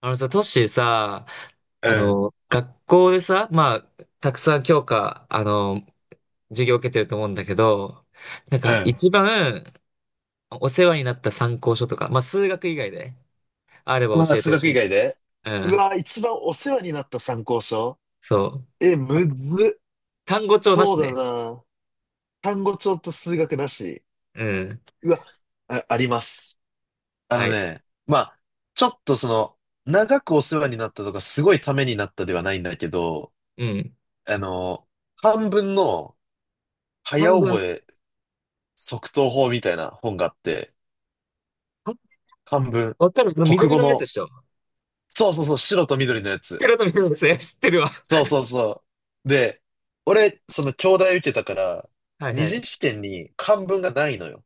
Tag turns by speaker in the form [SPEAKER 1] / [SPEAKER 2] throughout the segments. [SPEAKER 1] あのさ、トッシーさ、
[SPEAKER 2] うん、
[SPEAKER 1] 学校でさ、まあ、たくさん教科、授業を受けてると思うんだけど、なん
[SPEAKER 2] う
[SPEAKER 1] か
[SPEAKER 2] ん。
[SPEAKER 1] 一番お世話になった参考書とか、まあ、数学以外であれば
[SPEAKER 2] ああ、
[SPEAKER 1] 教えて
[SPEAKER 2] 数
[SPEAKER 1] ほし
[SPEAKER 2] 学以
[SPEAKER 1] い。
[SPEAKER 2] 外で。
[SPEAKER 1] う
[SPEAKER 2] う
[SPEAKER 1] ん、
[SPEAKER 2] わ、一番お世話になった参考書。
[SPEAKER 1] そう。
[SPEAKER 2] え、
[SPEAKER 1] あ
[SPEAKER 2] むずっ。
[SPEAKER 1] 単語帳な
[SPEAKER 2] そ
[SPEAKER 1] し
[SPEAKER 2] うだ
[SPEAKER 1] ね。
[SPEAKER 2] な。単語帳と数学なし。
[SPEAKER 1] うん、
[SPEAKER 2] うわ、あ、あります。あの
[SPEAKER 1] はい。
[SPEAKER 2] ね、まあ、ちょっと長くお世話になったとか、すごいためになったではないんだけど、
[SPEAKER 1] うん。
[SPEAKER 2] あの、漢文の早
[SPEAKER 1] 半分、
[SPEAKER 2] 覚え即答法みたいな本があって、
[SPEAKER 1] あ、
[SPEAKER 2] 漢文、
[SPEAKER 1] わかる。
[SPEAKER 2] 国
[SPEAKER 1] 緑
[SPEAKER 2] 語
[SPEAKER 1] のやつで
[SPEAKER 2] の、
[SPEAKER 1] しょ？
[SPEAKER 2] そうそうそう、白と緑のやつ。
[SPEAKER 1] 黒と緑のやつね、知ってるわ。
[SPEAKER 2] そうそうそう。で、俺、その京大受けたから、
[SPEAKER 1] はい
[SPEAKER 2] 二
[SPEAKER 1] はい。
[SPEAKER 2] 次試験に漢文がないのよ。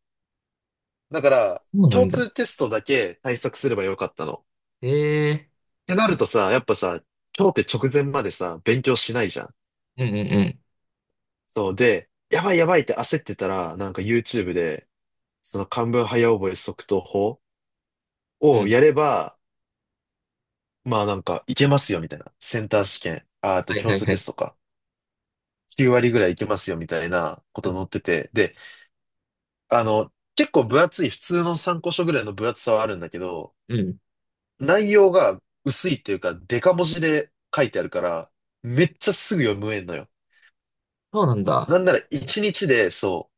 [SPEAKER 2] だから、
[SPEAKER 1] そうな
[SPEAKER 2] 共
[SPEAKER 1] んだ。
[SPEAKER 2] 通テストだけ対策すればよかったの。
[SPEAKER 1] へえ。
[SPEAKER 2] ってなるとさ、やっぱさ、今日って直前までさ、勉強しないじゃん。
[SPEAKER 1] うんうんうん。
[SPEAKER 2] そうで、やばいやばいって焦ってたら、YouTube で、その漢文早覚え速答法
[SPEAKER 1] う
[SPEAKER 2] を
[SPEAKER 1] ん。
[SPEAKER 2] やれば、いけますよみたいな。センター試験、ああと
[SPEAKER 1] はい
[SPEAKER 2] 共
[SPEAKER 1] はい
[SPEAKER 2] 通
[SPEAKER 1] は
[SPEAKER 2] テ
[SPEAKER 1] い。
[SPEAKER 2] ストか。9割ぐらいいけますよみたいなこ
[SPEAKER 1] う
[SPEAKER 2] と
[SPEAKER 1] ん。
[SPEAKER 2] 載ってて。で、結構分厚い、普通の参考書ぐらいの分厚さはあるんだけど、
[SPEAKER 1] うん。
[SPEAKER 2] 内容が薄いっていうか、デカ文字で書いてあるから、めっちゃすぐ読むえんのよ。
[SPEAKER 1] そうなん
[SPEAKER 2] な
[SPEAKER 1] だ。
[SPEAKER 2] んなら一日で、そ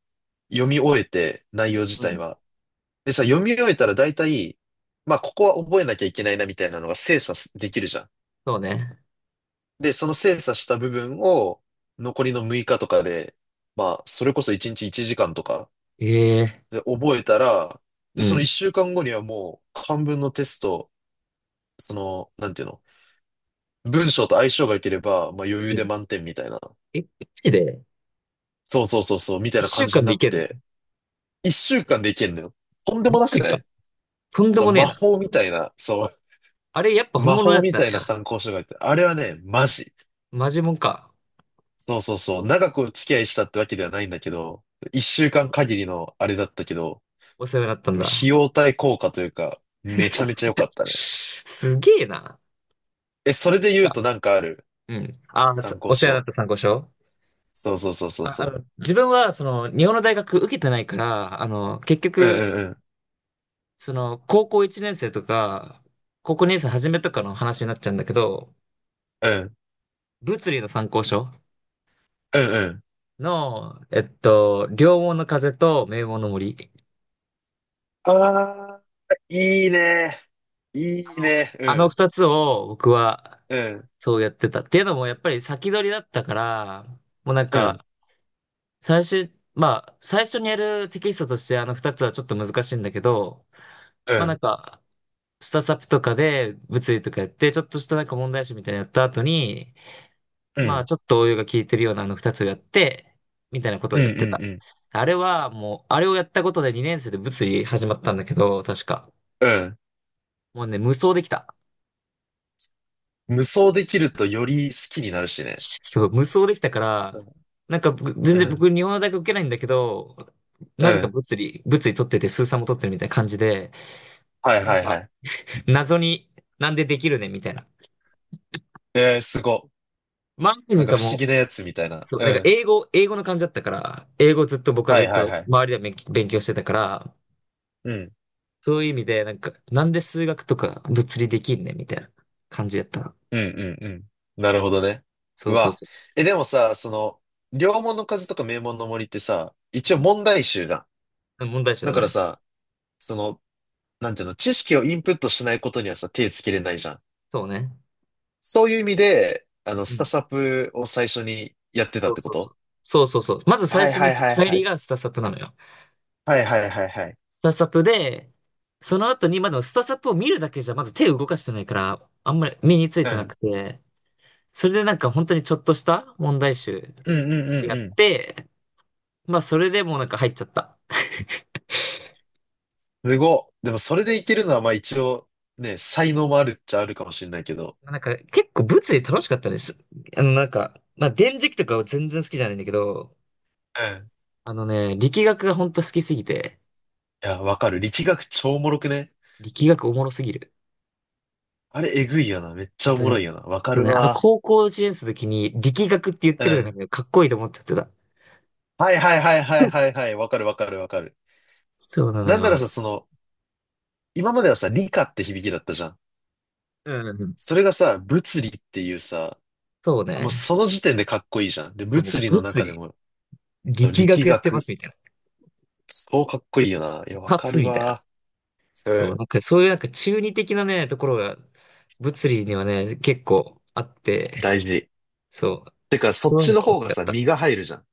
[SPEAKER 2] う、読み終えて、内容自
[SPEAKER 1] う
[SPEAKER 2] 体
[SPEAKER 1] ん。
[SPEAKER 2] は。でさ、読み終えたら大体、まあ、ここは覚えなきゃいけないなみたいなのが精査できるじゃん。
[SPEAKER 1] そうね。
[SPEAKER 2] で、その精査した部分を、残りの6日とかで、まあ、それこそ一日1時間とか
[SPEAKER 1] ええ、
[SPEAKER 2] で覚えたら、
[SPEAKER 1] う
[SPEAKER 2] で、その1
[SPEAKER 1] ん。
[SPEAKER 2] 週間後にはもう、半分のテスト、なんていうの、文章と相性が良ければ、まあ余
[SPEAKER 1] う
[SPEAKER 2] 裕
[SPEAKER 1] ん。
[SPEAKER 2] で満点みたいな。
[SPEAKER 1] え、マジで？
[SPEAKER 2] そうそうそうそう、みたいな
[SPEAKER 1] 一
[SPEAKER 2] 感
[SPEAKER 1] 週
[SPEAKER 2] じ
[SPEAKER 1] 間
[SPEAKER 2] に
[SPEAKER 1] で
[SPEAKER 2] な
[SPEAKER 1] い
[SPEAKER 2] っ
[SPEAKER 1] けんの？
[SPEAKER 2] て、一週間でいけんのよ。とんで
[SPEAKER 1] マ
[SPEAKER 2] もなく
[SPEAKER 1] ジ
[SPEAKER 2] な
[SPEAKER 1] か。
[SPEAKER 2] い。
[SPEAKER 1] とんで
[SPEAKER 2] そう、
[SPEAKER 1] もねえ
[SPEAKER 2] 魔
[SPEAKER 1] な。
[SPEAKER 2] 法みたいな、そう、
[SPEAKER 1] あれ、やっぱ本
[SPEAKER 2] 魔
[SPEAKER 1] 物だ
[SPEAKER 2] 法
[SPEAKER 1] っ
[SPEAKER 2] み
[SPEAKER 1] た
[SPEAKER 2] た
[SPEAKER 1] の
[SPEAKER 2] いな
[SPEAKER 1] や。
[SPEAKER 2] 参考書があって、あれはね、マジ。
[SPEAKER 1] マジもんか。
[SPEAKER 2] そうそうそう、長くお付き合いしたってわけではないんだけど、一週間限りのあれだったけど、
[SPEAKER 1] お世話になったん
[SPEAKER 2] でも
[SPEAKER 1] だ。
[SPEAKER 2] 費用対効果というか、めちゃめちゃ良かったね。
[SPEAKER 1] すげえな。
[SPEAKER 2] え、そ
[SPEAKER 1] マ
[SPEAKER 2] れで
[SPEAKER 1] ジ
[SPEAKER 2] 言
[SPEAKER 1] か。
[SPEAKER 2] うとなんかある
[SPEAKER 1] うん。あー、
[SPEAKER 2] 参
[SPEAKER 1] お
[SPEAKER 2] 考
[SPEAKER 1] 世話になっ
[SPEAKER 2] 書。
[SPEAKER 1] た参考書。
[SPEAKER 2] そうそうそうそう
[SPEAKER 1] あ、あ
[SPEAKER 2] そ
[SPEAKER 1] の、自分は、その、日本の大学受けてないから、あの、結
[SPEAKER 2] う。う
[SPEAKER 1] 局、
[SPEAKER 2] ん
[SPEAKER 1] その、高校1年生とか、高校2年生初めとかの話になっちゃうんだけど、
[SPEAKER 2] うんうん。うん。
[SPEAKER 1] 物理の参考書
[SPEAKER 2] うんうん。
[SPEAKER 1] の、えっと、両門の風と名門の森。
[SPEAKER 2] ああ、いいね。いいね。う
[SPEAKER 1] あの
[SPEAKER 2] ん、
[SPEAKER 1] 二つを僕は
[SPEAKER 2] うん、
[SPEAKER 1] そうやってた。っていうのもやっぱり先取りだったから、もうなん
[SPEAKER 2] うん、
[SPEAKER 1] か、最終、まあ、最初にやるテキストとしてあの二つはちょっと難しいんだけど、
[SPEAKER 2] う
[SPEAKER 1] まあなん
[SPEAKER 2] ん、
[SPEAKER 1] か、スタサプとかで物理とかやって、ちょっとしたなんか問題集みたいなのやった後に、
[SPEAKER 2] うん、う
[SPEAKER 1] まあ
[SPEAKER 2] ん、
[SPEAKER 1] ちょっと応用が効いてるようなあの二つをやって、みたいなことを
[SPEAKER 2] うん、
[SPEAKER 1] やっ
[SPEAKER 2] う
[SPEAKER 1] てた。
[SPEAKER 2] ん。
[SPEAKER 1] あれはもう、あれをやったことで2年生で物理始まったんだけど、確か。
[SPEAKER 2] うん。
[SPEAKER 1] もうね、無双できた。
[SPEAKER 2] 無双できるとより好きになるしね。
[SPEAKER 1] そう、無双できたか
[SPEAKER 2] う
[SPEAKER 1] ら、
[SPEAKER 2] ん、
[SPEAKER 1] なんか僕全
[SPEAKER 2] う
[SPEAKER 1] 然僕
[SPEAKER 2] ん、
[SPEAKER 1] 日本の大学受けないんだけど、
[SPEAKER 2] う
[SPEAKER 1] なぜか
[SPEAKER 2] ん。
[SPEAKER 1] 物理取ってて、数三も取ってるみたいな感じで、
[SPEAKER 2] はい
[SPEAKER 1] なん
[SPEAKER 2] はい
[SPEAKER 1] か
[SPEAKER 2] はい。
[SPEAKER 1] 謎になんでできるねみたいな。
[SPEAKER 2] えー、すご。
[SPEAKER 1] まあな
[SPEAKER 2] な
[SPEAKER 1] ん
[SPEAKER 2] んか
[SPEAKER 1] か
[SPEAKER 2] 不思
[SPEAKER 1] もう、
[SPEAKER 2] 議なやつみたいな。
[SPEAKER 1] そう、
[SPEAKER 2] う
[SPEAKER 1] なんか
[SPEAKER 2] ん。
[SPEAKER 1] 英語の感じだったから、英語ずっと僕は
[SPEAKER 2] はい
[SPEAKER 1] 勉
[SPEAKER 2] はい
[SPEAKER 1] 強、
[SPEAKER 2] はい。
[SPEAKER 1] 周りでは勉強勉強してたから、
[SPEAKER 2] うん、
[SPEAKER 1] そういう意味で、なんか、なんで数学とか物理できんねみたいな感じやったら。
[SPEAKER 2] うん、うん、うん。なるほどね。
[SPEAKER 1] そ
[SPEAKER 2] う
[SPEAKER 1] うそう
[SPEAKER 2] わ。
[SPEAKER 1] そ
[SPEAKER 2] でもさ、両門の風とか名門の森ってさ、
[SPEAKER 1] う。
[SPEAKER 2] 一
[SPEAKER 1] う
[SPEAKER 2] 応
[SPEAKER 1] ん。
[SPEAKER 2] 問題集じゃん。
[SPEAKER 1] 問題集
[SPEAKER 2] だ
[SPEAKER 1] だ
[SPEAKER 2] から
[SPEAKER 1] ね。
[SPEAKER 2] さ、その、なんていうの、知識をインプットしないことにはさ、手つけれないじゃん。
[SPEAKER 1] そうね。
[SPEAKER 2] そういう意味で、
[SPEAKER 1] う
[SPEAKER 2] ス
[SPEAKER 1] ん。
[SPEAKER 2] タサプを最初にやってた
[SPEAKER 1] そ
[SPEAKER 2] っ
[SPEAKER 1] う
[SPEAKER 2] てこ
[SPEAKER 1] そうそ
[SPEAKER 2] と。
[SPEAKER 1] う。そうそうそう。まず最
[SPEAKER 2] はい
[SPEAKER 1] 初
[SPEAKER 2] は
[SPEAKER 1] に
[SPEAKER 2] いはい
[SPEAKER 1] 入
[SPEAKER 2] は
[SPEAKER 1] り
[SPEAKER 2] い。
[SPEAKER 1] がスタサプなのよ。
[SPEAKER 2] はいはいはいはい。
[SPEAKER 1] スタサプで、その後に、まだスタサプを見るだけじゃ、まず手を動かしてないから、あんまり身につい
[SPEAKER 2] う
[SPEAKER 1] てなく
[SPEAKER 2] ん。
[SPEAKER 1] て、それでなんか本当にちょっとした問題集
[SPEAKER 2] うんうんう
[SPEAKER 1] を
[SPEAKER 2] ん
[SPEAKER 1] や
[SPEAKER 2] う
[SPEAKER 1] っ
[SPEAKER 2] ん。
[SPEAKER 1] て、まあそれでもうなんか入っちゃった。
[SPEAKER 2] すごっ。でもそれで
[SPEAKER 1] で、
[SPEAKER 2] いけるのは、まあ一応、ね、才能もあるっちゃあるかもしれないけど。
[SPEAKER 1] なんか結構物理楽しかったです。あのなんか、まあ電磁気とかは全然好きじゃないんだけど、
[SPEAKER 2] うん。
[SPEAKER 1] あのね、力学が本当好きすぎて、
[SPEAKER 2] いや、わかる。力学超おもろくね。
[SPEAKER 1] 力学おもろすぎる。
[SPEAKER 2] あれ、えぐいよな。めっち
[SPEAKER 1] あ
[SPEAKER 2] ゃお
[SPEAKER 1] と
[SPEAKER 2] もろ
[SPEAKER 1] ね、
[SPEAKER 2] いよな。わ
[SPEAKER 1] あ
[SPEAKER 2] か
[SPEAKER 1] と
[SPEAKER 2] る
[SPEAKER 1] ね、あの、
[SPEAKER 2] わ。
[SPEAKER 1] 高校1年生の時に力学って言っ
[SPEAKER 2] う
[SPEAKER 1] てるのが
[SPEAKER 2] ん。
[SPEAKER 1] ね、かっこいいと思っちゃってた。
[SPEAKER 2] はいはいはいはいはいはい。わかるわかるわかる。
[SPEAKER 1] そうなの
[SPEAKER 2] なんなら
[SPEAKER 1] よ。
[SPEAKER 2] さ、その、今まではさ、理科って響きだったじゃん。
[SPEAKER 1] うん。
[SPEAKER 2] それがさ、物理っていうさ、
[SPEAKER 1] そう
[SPEAKER 2] もう
[SPEAKER 1] ね。
[SPEAKER 2] その時点でかっこいいじゃん。で、
[SPEAKER 1] そう、もう
[SPEAKER 2] 物理の
[SPEAKER 1] 物
[SPEAKER 2] 中で
[SPEAKER 1] 理、
[SPEAKER 2] も、その
[SPEAKER 1] 力
[SPEAKER 2] 力
[SPEAKER 1] 学やってま
[SPEAKER 2] 学、
[SPEAKER 1] すみたいな。
[SPEAKER 2] 超かっこいいよな。いや、
[SPEAKER 1] 一
[SPEAKER 2] わか
[SPEAKER 1] 発
[SPEAKER 2] る
[SPEAKER 1] みたいな。
[SPEAKER 2] わ。そ
[SPEAKER 1] そう、
[SPEAKER 2] れ、
[SPEAKER 1] なんかそういうなんか中二的なね、ところが、物理にはね、結構あって、
[SPEAKER 2] 大事。
[SPEAKER 1] そう。
[SPEAKER 2] てか、そっ
[SPEAKER 1] そういう
[SPEAKER 2] ち
[SPEAKER 1] の
[SPEAKER 2] の
[SPEAKER 1] が大き
[SPEAKER 2] 方が
[SPEAKER 1] かっ
[SPEAKER 2] さ、
[SPEAKER 1] た。
[SPEAKER 2] 身が入るじゃん。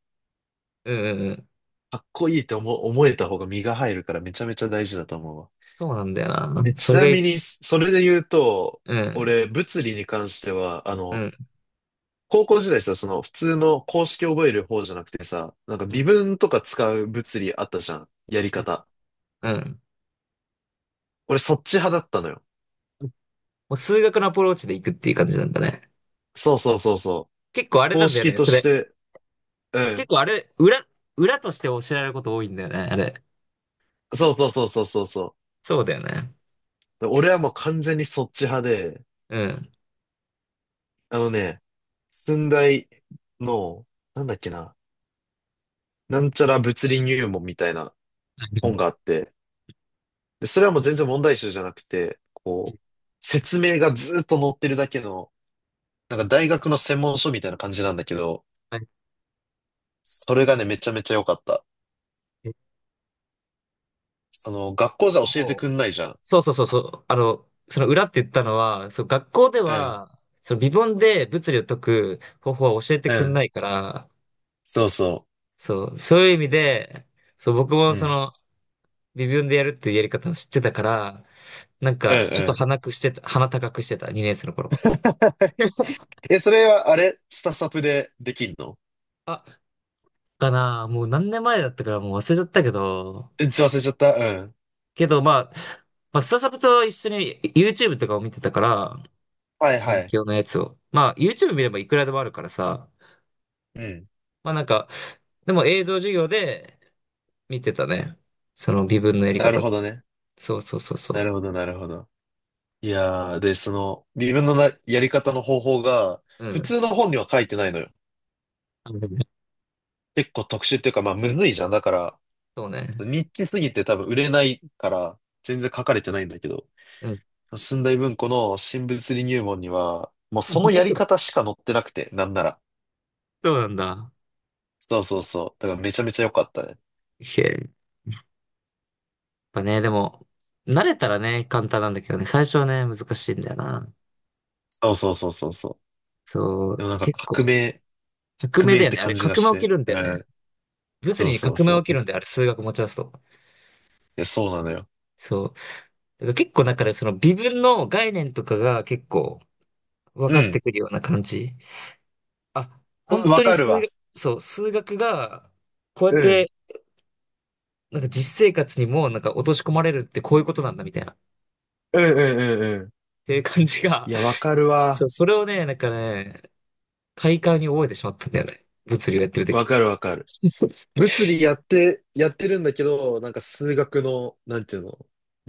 [SPEAKER 1] うんうんうん。
[SPEAKER 2] かっこいいって思えた方が身が入るからめちゃめちゃ大事だと思うわ。
[SPEAKER 1] そうなんだよな。
[SPEAKER 2] え、ち
[SPEAKER 1] それ
[SPEAKER 2] な
[SPEAKER 1] がい、
[SPEAKER 2] みに、それで言うと、
[SPEAKER 1] うん、
[SPEAKER 2] 俺、物理に関しては、
[SPEAKER 1] うん、
[SPEAKER 2] 高校時代さ、その普通の公式覚える方じゃなくてさ、なんか
[SPEAKER 1] う
[SPEAKER 2] 微
[SPEAKER 1] ん、
[SPEAKER 2] 分とか使う物理あったじゃん。やり
[SPEAKER 1] うん。
[SPEAKER 2] 方。
[SPEAKER 1] うん。
[SPEAKER 2] 俺、そっち派だったのよ。
[SPEAKER 1] もう数学のアプローチでいくっていう感じなんだね。
[SPEAKER 2] そうそうそうそう。
[SPEAKER 1] 結構あれな
[SPEAKER 2] 公
[SPEAKER 1] んだよ
[SPEAKER 2] 式
[SPEAKER 1] ね。
[SPEAKER 2] と
[SPEAKER 1] そ
[SPEAKER 2] し
[SPEAKER 1] れ
[SPEAKER 2] て、う
[SPEAKER 1] 結
[SPEAKER 2] ん。
[SPEAKER 1] 構あれ、裏として教えられること多いんだよね、あれ。
[SPEAKER 2] そうそうそうそうそうそう。
[SPEAKER 1] そうだよね。
[SPEAKER 2] で俺はもう完全にそっち派で、
[SPEAKER 1] うん。
[SPEAKER 2] あのね、寸大の、なんだっけな、なんちゃら物理入門みたいな本があって、で、それはもう全然問題集じゃなくて、こう、説明がずーっと載ってるだけの、なんか大学の専門書みたいな感じなんだけど、
[SPEAKER 1] はい。
[SPEAKER 2] それがね、めちゃめちゃ良かった。
[SPEAKER 1] 結
[SPEAKER 2] 学校じゃ教えてく
[SPEAKER 1] 構、
[SPEAKER 2] んないじゃん。
[SPEAKER 1] そうそうそうそう。あの、その裏って言ったのは、そう、学校で
[SPEAKER 2] うん、
[SPEAKER 1] は、その微分で物理を解く方法は教えて
[SPEAKER 2] う
[SPEAKER 1] くんな
[SPEAKER 2] ん、
[SPEAKER 1] いから、
[SPEAKER 2] そうそ
[SPEAKER 1] そう、そういう意味で、そう、僕
[SPEAKER 2] う。
[SPEAKER 1] も
[SPEAKER 2] う
[SPEAKER 1] そ
[SPEAKER 2] ん、
[SPEAKER 1] の、微分でやるっていうやり方を知ってたから、なん
[SPEAKER 2] うん、
[SPEAKER 1] か、ちょっ
[SPEAKER 2] う
[SPEAKER 1] と
[SPEAKER 2] ん。
[SPEAKER 1] 鼻高くしてた、2年生の頃。
[SPEAKER 2] え、それはあれ、スタサプでできんの。
[SPEAKER 1] あ、かな、もう何年前だったからもう忘れちゃったけど、
[SPEAKER 2] え忘れちゃった。うん。
[SPEAKER 1] けど、まあ、スタジャブと一緒に YouTube とかを見てたから、
[SPEAKER 2] はいは
[SPEAKER 1] 勉
[SPEAKER 2] い。
[SPEAKER 1] 強のやつを。まあ、YouTube 見ればいくらでもあるからさ。
[SPEAKER 2] うん。
[SPEAKER 1] まあなんか、でも映像授業で見てたね。その微分のやり
[SPEAKER 2] なる
[SPEAKER 1] 方
[SPEAKER 2] ほ
[SPEAKER 1] とか。
[SPEAKER 2] どね。
[SPEAKER 1] そうそうそう
[SPEAKER 2] な
[SPEAKER 1] そ
[SPEAKER 2] るほど、なるほど。いやー、で、その、自分のな、やり方の方法が、
[SPEAKER 1] う。う
[SPEAKER 2] 普
[SPEAKER 1] ん。
[SPEAKER 2] 通の本には書いてないのよ。
[SPEAKER 1] あるね。
[SPEAKER 2] 結構特殊っていうか、まあ、むずいじゃん。だから、
[SPEAKER 1] そう
[SPEAKER 2] そ
[SPEAKER 1] ね。
[SPEAKER 2] うニッチすぎて多分売れないから、全然書かれてないんだけど、
[SPEAKER 1] うん。
[SPEAKER 2] 寸大文庫の新物理入門には、もうその やり
[SPEAKER 1] そう
[SPEAKER 2] 方しか載ってなくて、なんなら。
[SPEAKER 1] そうなんだ。
[SPEAKER 2] そうそうそう。だからめちゃめちゃ良かったね。
[SPEAKER 1] へえ。やっぱね、でも、慣れたらね、簡単なんだけどね、最初はね、難しいんだよな。
[SPEAKER 2] そうそうそうそうそう。
[SPEAKER 1] そ
[SPEAKER 2] で
[SPEAKER 1] う、
[SPEAKER 2] もなんか
[SPEAKER 1] 結
[SPEAKER 2] 革
[SPEAKER 1] 構、
[SPEAKER 2] 命、
[SPEAKER 1] 革
[SPEAKER 2] 革
[SPEAKER 1] 命
[SPEAKER 2] 命
[SPEAKER 1] だ
[SPEAKER 2] っ
[SPEAKER 1] よ
[SPEAKER 2] て
[SPEAKER 1] ね。あ
[SPEAKER 2] 感
[SPEAKER 1] れ、
[SPEAKER 2] じが
[SPEAKER 1] 革
[SPEAKER 2] し
[SPEAKER 1] 命起き
[SPEAKER 2] て。
[SPEAKER 1] るん
[SPEAKER 2] う
[SPEAKER 1] だよね。
[SPEAKER 2] ん。
[SPEAKER 1] 物
[SPEAKER 2] そう
[SPEAKER 1] 理に
[SPEAKER 2] そう
[SPEAKER 1] 革命起
[SPEAKER 2] そ
[SPEAKER 1] き
[SPEAKER 2] う。
[SPEAKER 1] るんだよ、あれ、数学持ち出すと。
[SPEAKER 2] や、そうなのよ。
[SPEAKER 1] そう。だから結構なんかね、その微分の概念とかが結構分
[SPEAKER 2] う
[SPEAKER 1] かって
[SPEAKER 2] ん。
[SPEAKER 1] くるような感じ。あ、本
[SPEAKER 2] うん、わ
[SPEAKER 1] 当に
[SPEAKER 2] かる
[SPEAKER 1] 数
[SPEAKER 2] わ。
[SPEAKER 1] 学、そう、数学がこうやっ
[SPEAKER 2] うん。
[SPEAKER 1] てなんか実生活にもなんか落とし込まれるってこういうことなんだみたいな。っ
[SPEAKER 2] うんうんうんうん。
[SPEAKER 1] ていう感じが、
[SPEAKER 2] い や、わかる
[SPEAKER 1] そ
[SPEAKER 2] わ。
[SPEAKER 1] う、それをね、なんかね、快感に覚えてしまったんだよね。物理をやってる
[SPEAKER 2] わ
[SPEAKER 1] 時。
[SPEAKER 2] かるわかる。物理やって、やってるんだけど、なんか数学の、なんていうの、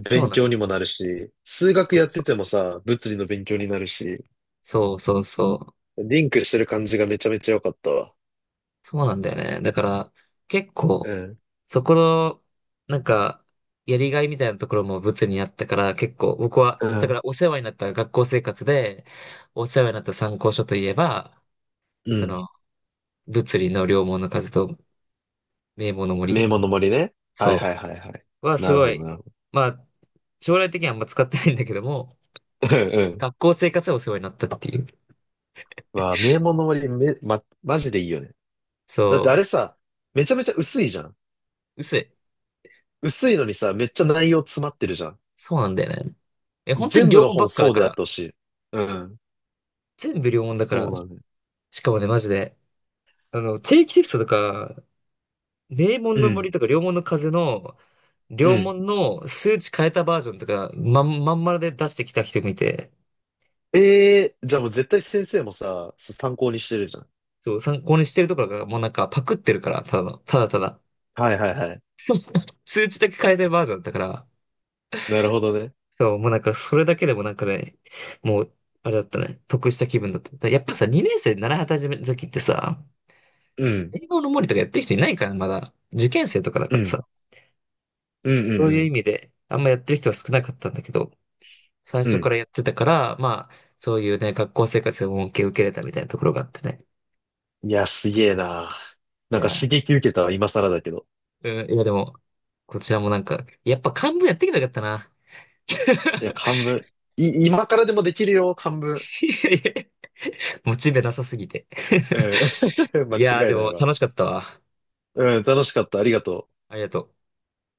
[SPEAKER 1] そうなの。
[SPEAKER 2] 強にもなるし、数
[SPEAKER 1] そ
[SPEAKER 2] 学
[SPEAKER 1] う
[SPEAKER 2] やっ
[SPEAKER 1] そ
[SPEAKER 2] て
[SPEAKER 1] う。
[SPEAKER 2] てもさ、物理の勉強になるし、
[SPEAKER 1] そうそうそう。
[SPEAKER 2] リンクしてる感じがめちゃめちゃ良かったわ。
[SPEAKER 1] そうなんだよね。だから、結
[SPEAKER 2] う
[SPEAKER 1] 構、
[SPEAKER 2] ん。
[SPEAKER 1] そこの、なんか、やりがいみたいなところも物理にあったから、結構僕は、
[SPEAKER 2] う
[SPEAKER 1] だか
[SPEAKER 2] ん。
[SPEAKER 1] らお世話になった学校生活で、お世話になった参考書といえば、
[SPEAKER 2] う
[SPEAKER 1] そ
[SPEAKER 2] ん。
[SPEAKER 1] の、物理の良門の数と名簿の
[SPEAKER 2] 名
[SPEAKER 1] 森、
[SPEAKER 2] 門の森ね。はい
[SPEAKER 1] そ
[SPEAKER 2] はいはいはい。
[SPEAKER 1] う、はす
[SPEAKER 2] なる
[SPEAKER 1] ご
[SPEAKER 2] ほど
[SPEAKER 1] い、
[SPEAKER 2] なるほ
[SPEAKER 1] まあ、将来的にはあんま使ってないんだけども、
[SPEAKER 2] ど。うんうん。
[SPEAKER 1] 学校生活でお世話になったっていう。
[SPEAKER 2] わあ、名門の森、マジでいいよね。だってあ
[SPEAKER 1] そ
[SPEAKER 2] れさ、めちゃめちゃ薄いじゃん。
[SPEAKER 1] う、薄い。
[SPEAKER 2] 薄いのにさ、めっちゃ内容詰まってるじゃん。
[SPEAKER 1] そうなんだよね。え、本当に
[SPEAKER 2] 全部
[SPEAKER 1] 良
[SPEAKER 2] の
[SPEAKER 1] 門ば
[SPEAKER 2] 本
[SPEAKER 1] っかだ
[SPEAKER 2] そう
[SPEAKER 1] か
[SPEAKER 2] であっ
[SPEAKER 1] ら、
[SPEAKER 2] てほしい。うん。
[SPEAKER 1] 全部良門だか
[SPEAKER 2] そ
[SPEAKER 1] ら、
[SPEAKER 2] うなんだね。
[SPEAKER 1] しかもね、マジで、あの、定期テストとか、名
[SPEAKER 2] う
[SPEAKER 1] 門の
[SPEAKER 2] ん。
[SPEAKER 1] 森とか、良門の風の、
[SPEAKER 2] う
[SPEAKER 1] 良
[SPEAKER 2] ん。
[SPEAKER 1] 門の数値変えたバージョンとか、まん丸で出してきた人見て、
[SPEAKER 2] ええー、じゃあもう絶対先生もさ、参考にしてるじゃん。
[SPEAKER 1] そう、参考にしてるとかが、もうなんかパクってるから、ただの、ただただ、
[SPEAKER 2] はいはいはい。
[SPEAKER 1] 数値だけ変えてるバージョンだったから、
[SPEAKER 2] なるほどね。
[SPEAKER 1] そう、もうなんかそれだけでもなんかね、もう、あれだったね、得した気分だった。だやっぱさ、2年生で習い始めた時ってさ、
[SPEAKER 2] うん。
[SPEAKER 1] 英語の森とかやってる人いないから、まだ。受験生とかだ
[SPEAKER 2] う
[SPEAKER 1] から
[SPEAKER 2] ん。
[SPEAKER 1] さ、
[SPEAKER 2] うんうん
[SPEAKER 1] そう
[SPEAKER 2] う
[SPEAKER 1] いう
[SPEAKER 2] ん。
[SPEAKER 1] 意味で、あんまやってる人は少なかったんだけど、最
[SPEAKER 2] う
[SPEAKER 1] 初か
[SPEAKER 2] ん。
[SPEAKER 1] らやってたから、まあ、そういうね、学校生活でも恩恵を受けれたみたいなところがあってね。
[SPEAKER 2] いや、すげえな。
[SPEAKER 1] い
[SPEAKER 2] なんか
[SPEAKER 1] や、
[SPEAKER 2] 刺激受けたわ、今更だけど。
[SPEAKER 1] うん、いやでも、こちらもなんか、やっぱ漢文やってけばよかったな。
[SPEAKER 2] いや、漢文。今からでもできるよ、漢文。
[SPEAKER 1] いやいや、モチベなさすぎて。
[SPEAKER 2] うん。間
[SPEAKER 1] いや、
[SPEAKER 2] 違
[SPEAKER 1] で
[SPEAKER 2] いない
[SPEAKER 1] も
[SPEAKER 2] わ。
[SPEAKER 1] 楽しかったわ。
[SPEAKER 2] うん、楽しかった。ありがとう。
[SPEAKER 1] ありがとう。